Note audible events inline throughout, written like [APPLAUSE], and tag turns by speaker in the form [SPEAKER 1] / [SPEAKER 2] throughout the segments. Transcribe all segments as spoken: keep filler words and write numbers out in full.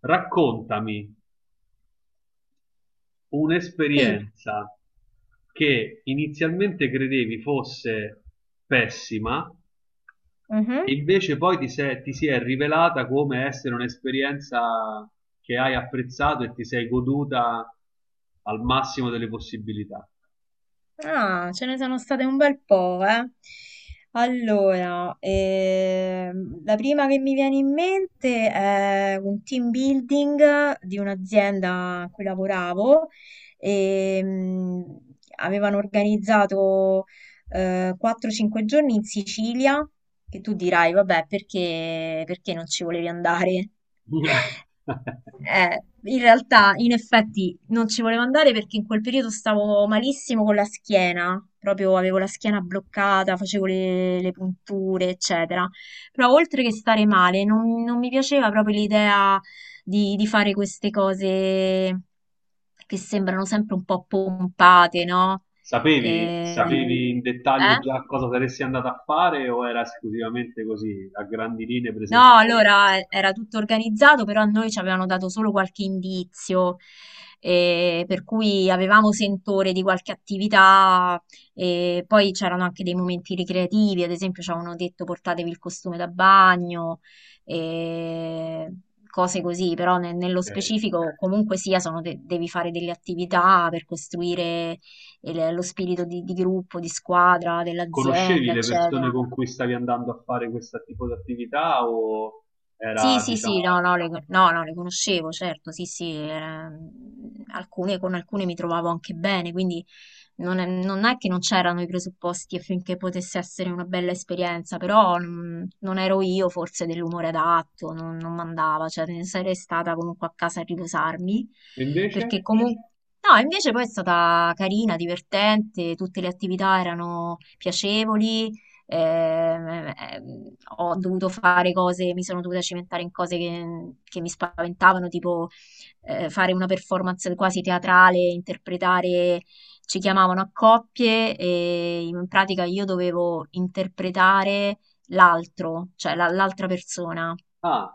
[SPEAKER 1] Raccontami
[SPEAKER 2] Sì,
[SPEAKER 1] un'esperienza che inizialmente credevi fosse pessima e
[SPEAKER 2] mhm.
[SPEAKER 1] invece poi ti se- ti si è rivelata come essere un'esperienza che hai apprezzato e ti sei goduta al massimo delle possibilità.
[SPEAKER 2] Ah, ce ne sono state un bel po', eh. Allora, ehm, la prima che mi viene in mente è un team building di un'azienda a cui lavoravo e avevano organizzato eh, quattro cinque giorni in Sicilia, che tu dirai, vabbè, perché, perché non ci volevi andare?
[SPEAKER 1] [LAUGHS]
[SPEAKER 2] Eh, in realtà, in effetti, non ci volevo andare perché in quel periodo stavo malissimo con la schiena, proprio avevo la schiena bloccata, facevo le, le punture, eccetera. Però oltre che stare male, non, non mi piaceva proprio l'idea di, di fare queste cose che sembrano sempre un po' pompate, no?
[SPEAKER 1] Sapevi,
[SPEAKER 2] Eh, sì.
[SPEAKER 1] sapevi in dettaglio
[SPEAKER 2] Eh?
[SPEAKER 1] già cosa saresti andata a fare o era esclusivamente così, a grandi linee
[SPEAKER 2] No,
[SPEAKER 1] presentato?
[SPEAKER 2] allora eh, era tutto organizzato, però a noi ci avevano dato solo qualche indizio, eh, per cui avevamo sentore di qualche attività, e poi c'erano anche dei momenti ricreativi, ad esempio ci avevano detto portatevi il costume da bagno, eh, cose così, però ne- nello
[SPEAKER 1] Ok.
[SPEAKER 2] specifico comunque sia sono de- devi fare delle attività per costruire il- lo spirito di di gruppo, di squadra,
[SPEAKER 1] Conoscevi
[SPEAKER 2] dell'azienda,
[SPEAKER 1] le persone
[SPEAKER 2] eccetera.
[SPEAKER 1] con cui stavi andando a fare questo tipo di attività o
[SPEAKER 2] Sì,
[SPEAKER 1] era,
[SPEAKER 2] sì, sì,
[SPEAKER 1] diciamo...
[SPEAKER 2] no, no, le, no, no, le conoscevo, certo, sì, sì, era- alcune, con alcune mi trovavo anche bene, quindi non è, non è che non c'erano i presupposti affinché potesse essere una bella esperienza, però non, non ero io forse dell'umore adatto, non, non mandava, cioè ne sarei stata comunque a casa a riposarmi,
[SPEAKER 1] E invece?
[SPEAKER 2] perché comunque... No, invece poi è stata carina, divertente, tutte le attività erano piacevoli, ehm, ehm, ho dovuto fare cose, mi sono dovuta cimentare in cose che, che mi spaventavano, tipo eh, fare una performance quasi teatrale, interpretare, ci chiamavano a coppie e in pratica io dovevo interpretare l'altro, cioè la- l'altra persona.
[SPEAKER 1] Ah,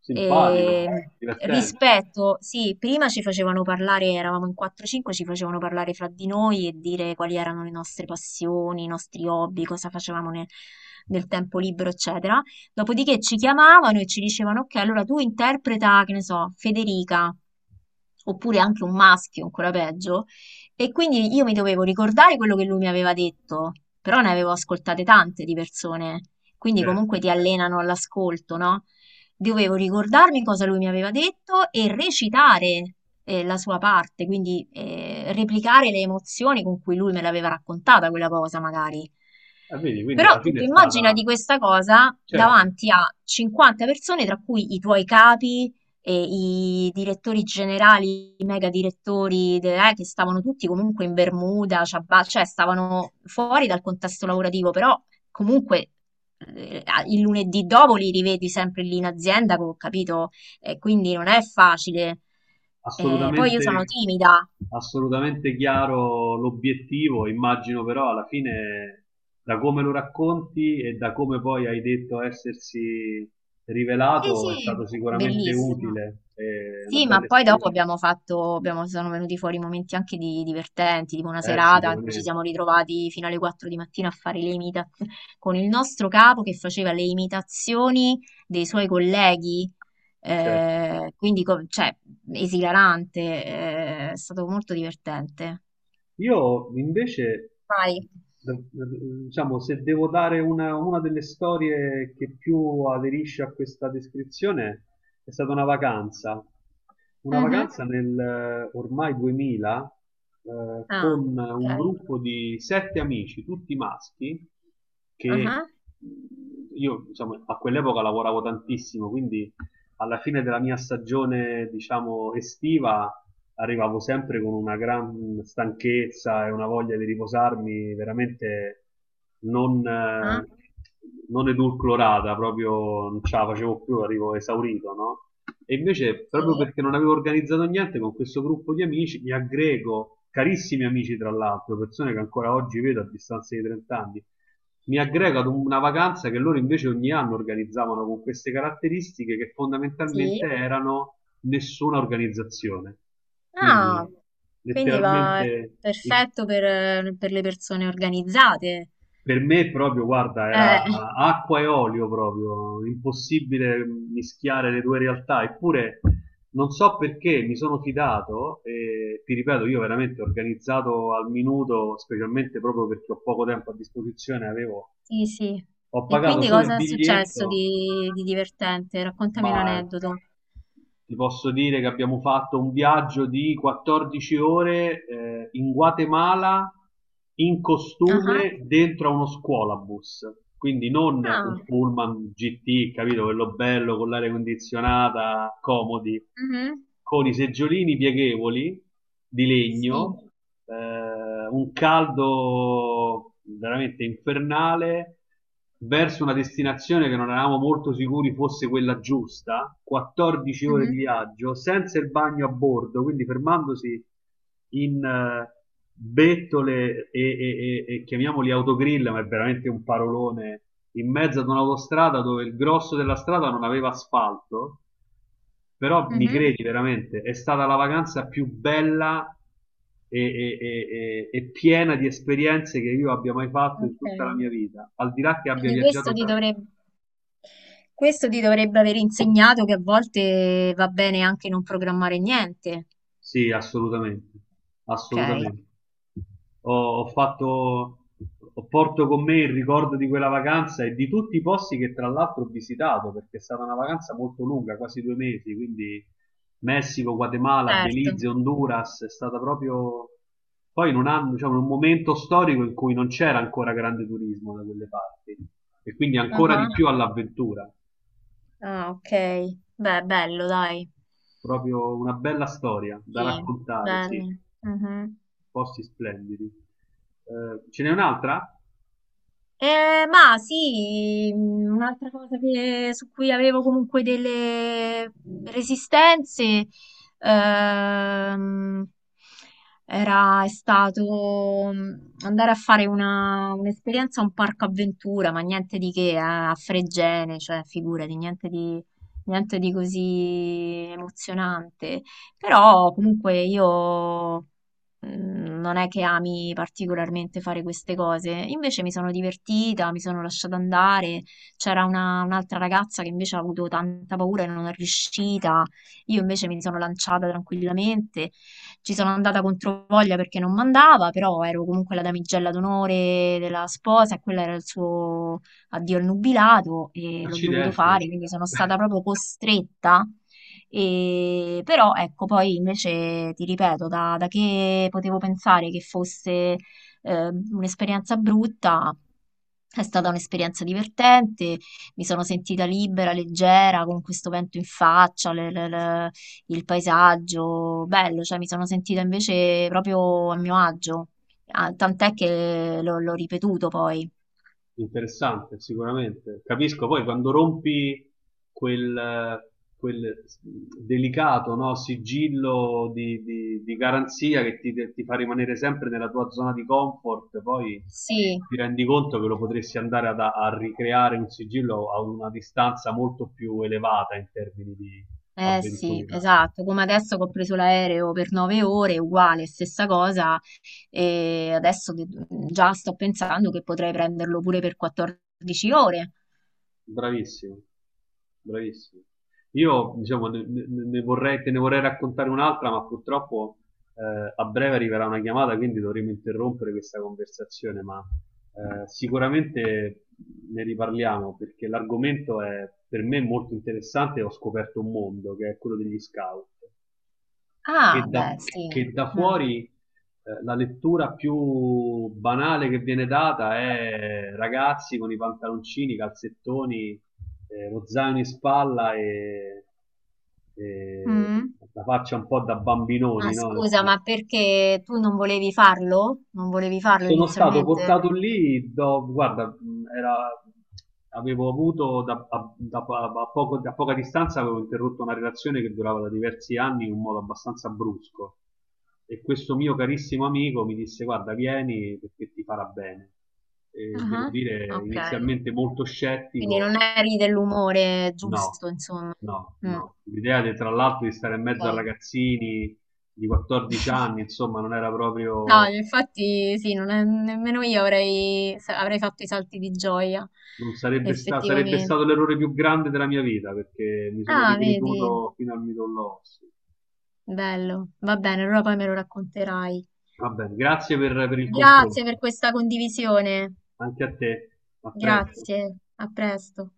[SPEAKER 1] simpatico,
[SPEAKER 2] E
[SPEAKER 1] divertente,
[SPEAKER 2] rispetto, sì, prima ci facevano parlare, eravamo in quattro o cinque, ci facevano parlare fra di noi e dire quali erano le nostre passioni, i nostri hobby, cosa facevamo nel, nel tempo libero, eccetera. Dopodiché ci chiamavano e ci dicevano, ok, allora tu interpreta, che ne so, Federica, oppure anche un maschio, ancora peggio. E quindi io mi dovevo ricordare quello che lui mi aveva detto, però ne avevo ascoltate tante di persone. Quindi
[SPEAKER 1] certo.
[SPEAKER 2] comunque ti allenano all'ascolto, no? Dovevo ricordarmi cosa lui mi aveva detto e recitare eh, la sua parte, quindi eh, replicare le emozioni con cui lui me l'aveva raccontata quella cosa, magari.
[SPEAKER 1] E vedi, quindi
[SPEAKER 2] Però
[SPEAKER 1] alla
[SPEAKER 2] tu
[SPEAKER 1] fine
[SPEAKER 2] ti
[SPEAKER 1] è
[SPEAKER 2] immagina
[SPEAKER 1] stata,
[SPEAKER 2] di questa cosa
[SPEAKER 1] certo,
[SPEAKER 2] davanti a cinquanta persone, tra cui i tuoi capi, e i direttori generali, i mega direttori, de- eh, che stavano tutti comunque in Bermuda, ciabatte, cioè stavano fuori dal contesto lavorativo, però comunque eh, a- il lunedì dopo li rivedi sempre lì in azienda, co- capito? E quindi non è facile. Eh, poi io
[SPEAKER 1] assolutamente,
[SPEAKER 2] sono timida.
[SPEAKER 1] assolutamente chiaro l'obiettivo, immagino però alla fine, da come lo racconti e da come poi hai detto essersi
[SPEAKER 2] Sì,
[SPEAKER 1] rivelato, è
[SPEAKER 2] sì,
[SPEAKER 1] stato sicuramente
[SPEAKER 2] bellissimo.
[SPEAKER 1] utile, è una
[SPEAKER 2] Sì, ma
[SPEAKER 1] bella
[SPEAKER 2] poi dopo
[SPEAKER 1] esperienza.
[SPEAKER 2] abbiamo fatto, abbiamo- sono venuti fuori momenti anche di- divertenti, tipo una
[SPEAKER 1] Eh,
[SPEAKER 2] serata in cui ci
[SPEAKER 1] sicuramente.
[SPEAKER 2] siamo ritrovati fino alle quattro di mattina a fare le imitazioni con il nostro capo che faceva le imitazioni dei suoi colleghi,
[SPEAKER 1] Certo.
[SPEAKER 2] eh, quindi co- cioè, esilarante, eh, è stato molto divertente.
[SPEAKER 1] Io invece,
[SPEAKER 2] Vai.
[SPEAKER 1] d- d- diciamo, se devo dare una, una delle storie che più aderisce a questa descrizione, è stata una vacanza. Una
[SPEAKER 2] Mhm.
[SPEAKER 1] vacanza nel eh, ormai duemila, eh,
[SPEAKER 2] Ah,
[SPEAKER 1] con un
[SPEAKER 2] ok.
[SPEAKER 1] gruppo di sette amici, tutti maschi, che
[SPEAKER 2] Ah,
[SPEAKER 1] mh, io, diciamo, a quell'epoca lavoravo tantissimo, quindi alla fine della mia stagione, diciamo, estiva arrivavo sempre con una gran stanchezza e una voglia di riposarmi veramente non,
[SPEAKER 2] ah,
[SPEAKER 1] eh, non edulcorata, proprio non ce la facevo più, arrivo esaurito, no? E invece, proprio
[SPEAKER 2] sì,
[SPEAKER 1] perché non avevo organizzato niente con questo gruppo di amici, mi aggrego, carissimi amici tra l'altro, persone che ancora oggi vedo a distanza di trenta anni, mi aggrego ad una vacanza che loro invece ogni anno organizzavano con queste caratteristiche che
[SPEAKER 2] sì.
[SPEAKER 1] fondamentalmente erano nessuna organizzazione. Quindi
[SPEAKER 2] Ah, quindi va
[SPEAKER 1] letteralmente il-
[SPEAKER 2] perfetto per, per le persone organizzate.
[SPEAKER 1] per me proprio, guarda,
[SPEAKER 2] Eh,
[SPEAKER 1] era acqua e olio proprio, impossibile mischiare le due realtà, eppure non so perché mi sono fidato e ti ripeto, io veramente organizzato al minuto, specialmente proprio perché ho poco tempo a disposizione, avevo
[SPEAKER 2] sì, sì.
[SPEAKER 1] ho
[SPEAKER 2] E
[SPEAKER 1] pagato
[SPEAKER 2] quindi
[SPEAKER 1] solo il
[SPEAKER 2] cosa è successo
[SPEAKER 1] biglietto,
[SPEAKER 2] di, di divertente? Raccontami
[SPEAKER 1] ma
[SPEAKER 2] un aneddoto.
[SPEAKER 1] ti posso dire che abbiamo fatto un viaggio di quattordici ore, eh, in Guatemala in
[SPEAKER 2] Ah, ah,
[SPEAKER 1] costume dentro a uno scuolabus. Quindi non
[SPEAKER 2] ah,
[SPEAKER 1] un pullman gi ti, capito? Quello bello con l'aria condizionata, comodi,
[SPEAKER 2] mhm,
[SPEAKER 1] con i seggiolini pieghevoli di
[SPEAKER 2] sì.
[SPEAKER 1] legno, eh, eh, un caldo veramente infernale verso una destinazione che non eravamo molto sicuri fosse quella giusta, quattordici ore di
[SPEAKER 2] Mhm,
[SPEAKER 1] viaggio, senza il bagno a bordo, quindi fermandosi in eh, bettole e, e- e- e chiamiamoli autogrill, ma è veramente un parolone, in mezzo ad un'autostrada dove il grosso della strada non aveva asfalto, però mi
[SPEAKER 2] mhm,
[SPEAKER 1] credi veramente, è stata la vacanza più bella e, e- e- e- e piena di esperienze che io abbia mai fatto in
[SPEAKER 2] ok.
[SPEAKER 1] tutta la mia vita. Al di là che abbia
[SPEAKER 2] Quindi questo
[SPEAKER 1] viaggiato
[SPEAKER 2] ti
[SPEAKER 1] tanto.
[SPEAKER 2] dovrebbe... Questo ti dovrebbe aver insegnato che a volte va bene anche non programmare niente.
[SPEAKER 1] Sì, assolutamente,
[SPEAKER 2] Ok,
[SPEAKER 1] assolutamente. Ho, ho fatto, ho porto con me il ricordo di quella vacanza e di tutti i posti che tra l'altro ho visitato, perché è stata una vacanza molto lunga, quasi due mesi, quindi Messico, Guatemala,
[SPEAKER 2] certo.
[SPEAKER 1] Belize, Honduras, è stata proprio poi in un anno, diciamo, in un momento storico in cui non c'era ancora grande turismo da quelle parti e quindi
[SPEAKER 2] Ah,
[SPEAKER 1] ancora di
[SPEAKER 2] ah.
[SPEAKER 1] più all'avventura,
[SPEAKER 2] Ah, ok. Beh, bello, dai.
[SPEAKER 1] proprio una bella storia da
[SPEAKER 2] Sì,
[SPEAKER 1] raccontare, sì.
[SPEAKER 2] bello. Mhm.
[SPEAKER 1] Posti splendidi. Eh, ce n'è un'altra?
[SPEAKER 2] Eh, ma sì, mh, un'altra cosa che- su cui avevo comunque delle resistenze ehm, era, è stato mh, andare a fare una- un'esperienza a un parco avventura, ma niente di che, eh, a Fregene, cioè figurati, niente di, niente di così emozionante. Però comunque io mm, non è che ami particolarmente fare queste cose. Invece mi sono divertita, mi sono lasciata andare. C'era una- un'altra ragazza che invece ha avuto tanta paura e non è riuscita. Io invece mi sono lanciata tranquillamente. Ci sono andata contro voglia perché non mandava, però ero comunque la damigella d'onore della sposa e quello era il suo addio al nubilato e l'ho dovuto
[SPEAKER 1] Accidenti,
[SPEAKER 2] fare, quindi sono stata
[SPEAKER 1] [LAUGHS]
[SPEAKER 2] proprio costretta e, però ecco, poi invece ti ripeto, da, da che potevo pensare che fosse eh, un'esperienza brutta, è stata un'esperienza divertente, mi sono sentita libera, leggera, con questo vento in faccia, le- le- le- il paesaggio, bello, cioè mi sono sentita invece proprio a mio agio. Ah, tant'è che l'ho l'ho ripetuto poi.
[SPEAKER 1] interessante sicuramente. Capisco, poi quando rompi quel, eh, quel delicato, no, sigillo di, di- di garanzia che ti, ti fa rimanere sempre nella tua zona di comfort, poi
[SPEAKER 2] Sì.
[SPEAKER 1] ti rendi conto che lo potresti andare ad- a ricreare un sigillo a una distanza molto più elevata in termini di
[SPEAKER 2] Eh sì,
[SPEAKER 1] avventura.
[SPEAKER 2] esatto, come adesso che ho preso l'aereo per nove ore, uguale, stessa cosa, e adesso de- già sto pensando che potrei prenderlo pure per quattordici ore.
[SPEAKER 1] Bravissimo, bravissimo. Io, diciamo, ne, ne- ne vorrei, te ne vorrei raccontare un'altra, ma purtroppo eh, a breve arriverà una chiamata, quindi dovremo interrompere questa conversazione, ma eh, sicuramente ne riparliamo perché l'argomento è per me molto interessante e ho scoperto un mondo che è quello degli scout
[SPEAKER 2] Ah,
[SPEAKER 1] che da,
[SPEAKER 2] beh, sì.
[SPEAKER 1] che da
[SPEAKER 2] Mm.
[SPEAKER 1] fuori eh, la lettura più banale che viene data è ragazzi con i pantaloncini, i calzettoni, eh, lo zaino in spalla e, e
[SPEAKER 2] Mm.
[SPEAKER 1] la faccia un po' da bambinoni,
[SPEAKER 2] Ah,
[SPEAKER 1] no? Nel
[SPEAKER 2] scusa,
[SPEAKER 1] senso
[SPEAKER 2] ma perché tu non volevi farlo? Non volevi farlo
[SPEAKER 1] sono stato portato
[SPEAKER 2] inizialmente?
[SPEAKER 1] lì, do- guarda, mh, era- avevo avuto da, a, da- a poco- da poca distanza, avevo interrotto una relazione che durava da diversi anni in un modo abbastanza brusco. E questo mio carissimo amico mi disse: Guarda, vieni perché ti farà bene. E devo
[SPEAKER 2] Ah.
[SPEAKER 1] dire,
[SPEAKER 2] Ok,
[SPEAKER 1] inizialmente molto
[SPEAKER 2] quindi non
[SPEAKER 1] scettico,
[SPEAKER 2] eri dell'umore
[SPEAKER 1] no,
[SPEAKER 2] giusto, insomma.
[SPEAKER 1] no,
[SPEAKER 2] Mm,
[SPEAKER 1] no. L'idea, di- tra l'altro, di stare in mezzo a
[SPEAKER 2] ok.
[SPEAKER 1] ragazzini di quattordici anni, insomma, non era
[SPEAKER 2] No,
[SPEAKER 1] proprio.
[SPEAKER 2] infatti sì, non è- nemmeno io avrei, sa- avrei fatto i salti di gioia,
[SPEAKER 1] Non sarebbe, sta- Sarebbe
[SPEAKER 2] effettivamente.
[SPEAKER 1] stato l'errore più grande della mia vita perché mi sono
[SPEAKER 2] Ah, vedi,
[SPEAKER 1] ricreduto fino al midollo osseo.
[SPEAKER 2] bello. Va bene, allora poi me lo racconterai.
[SPEAKER 1] Va bene, grazie per, per il
[SPEAKER 2] Grazie
[SPEAKER 1] confronto.
[SPEAKER 2] per questa condivisione.
[SPEAKER 1] Anche a te. A presto.
[SPEAKER 2] Grazie, a presto.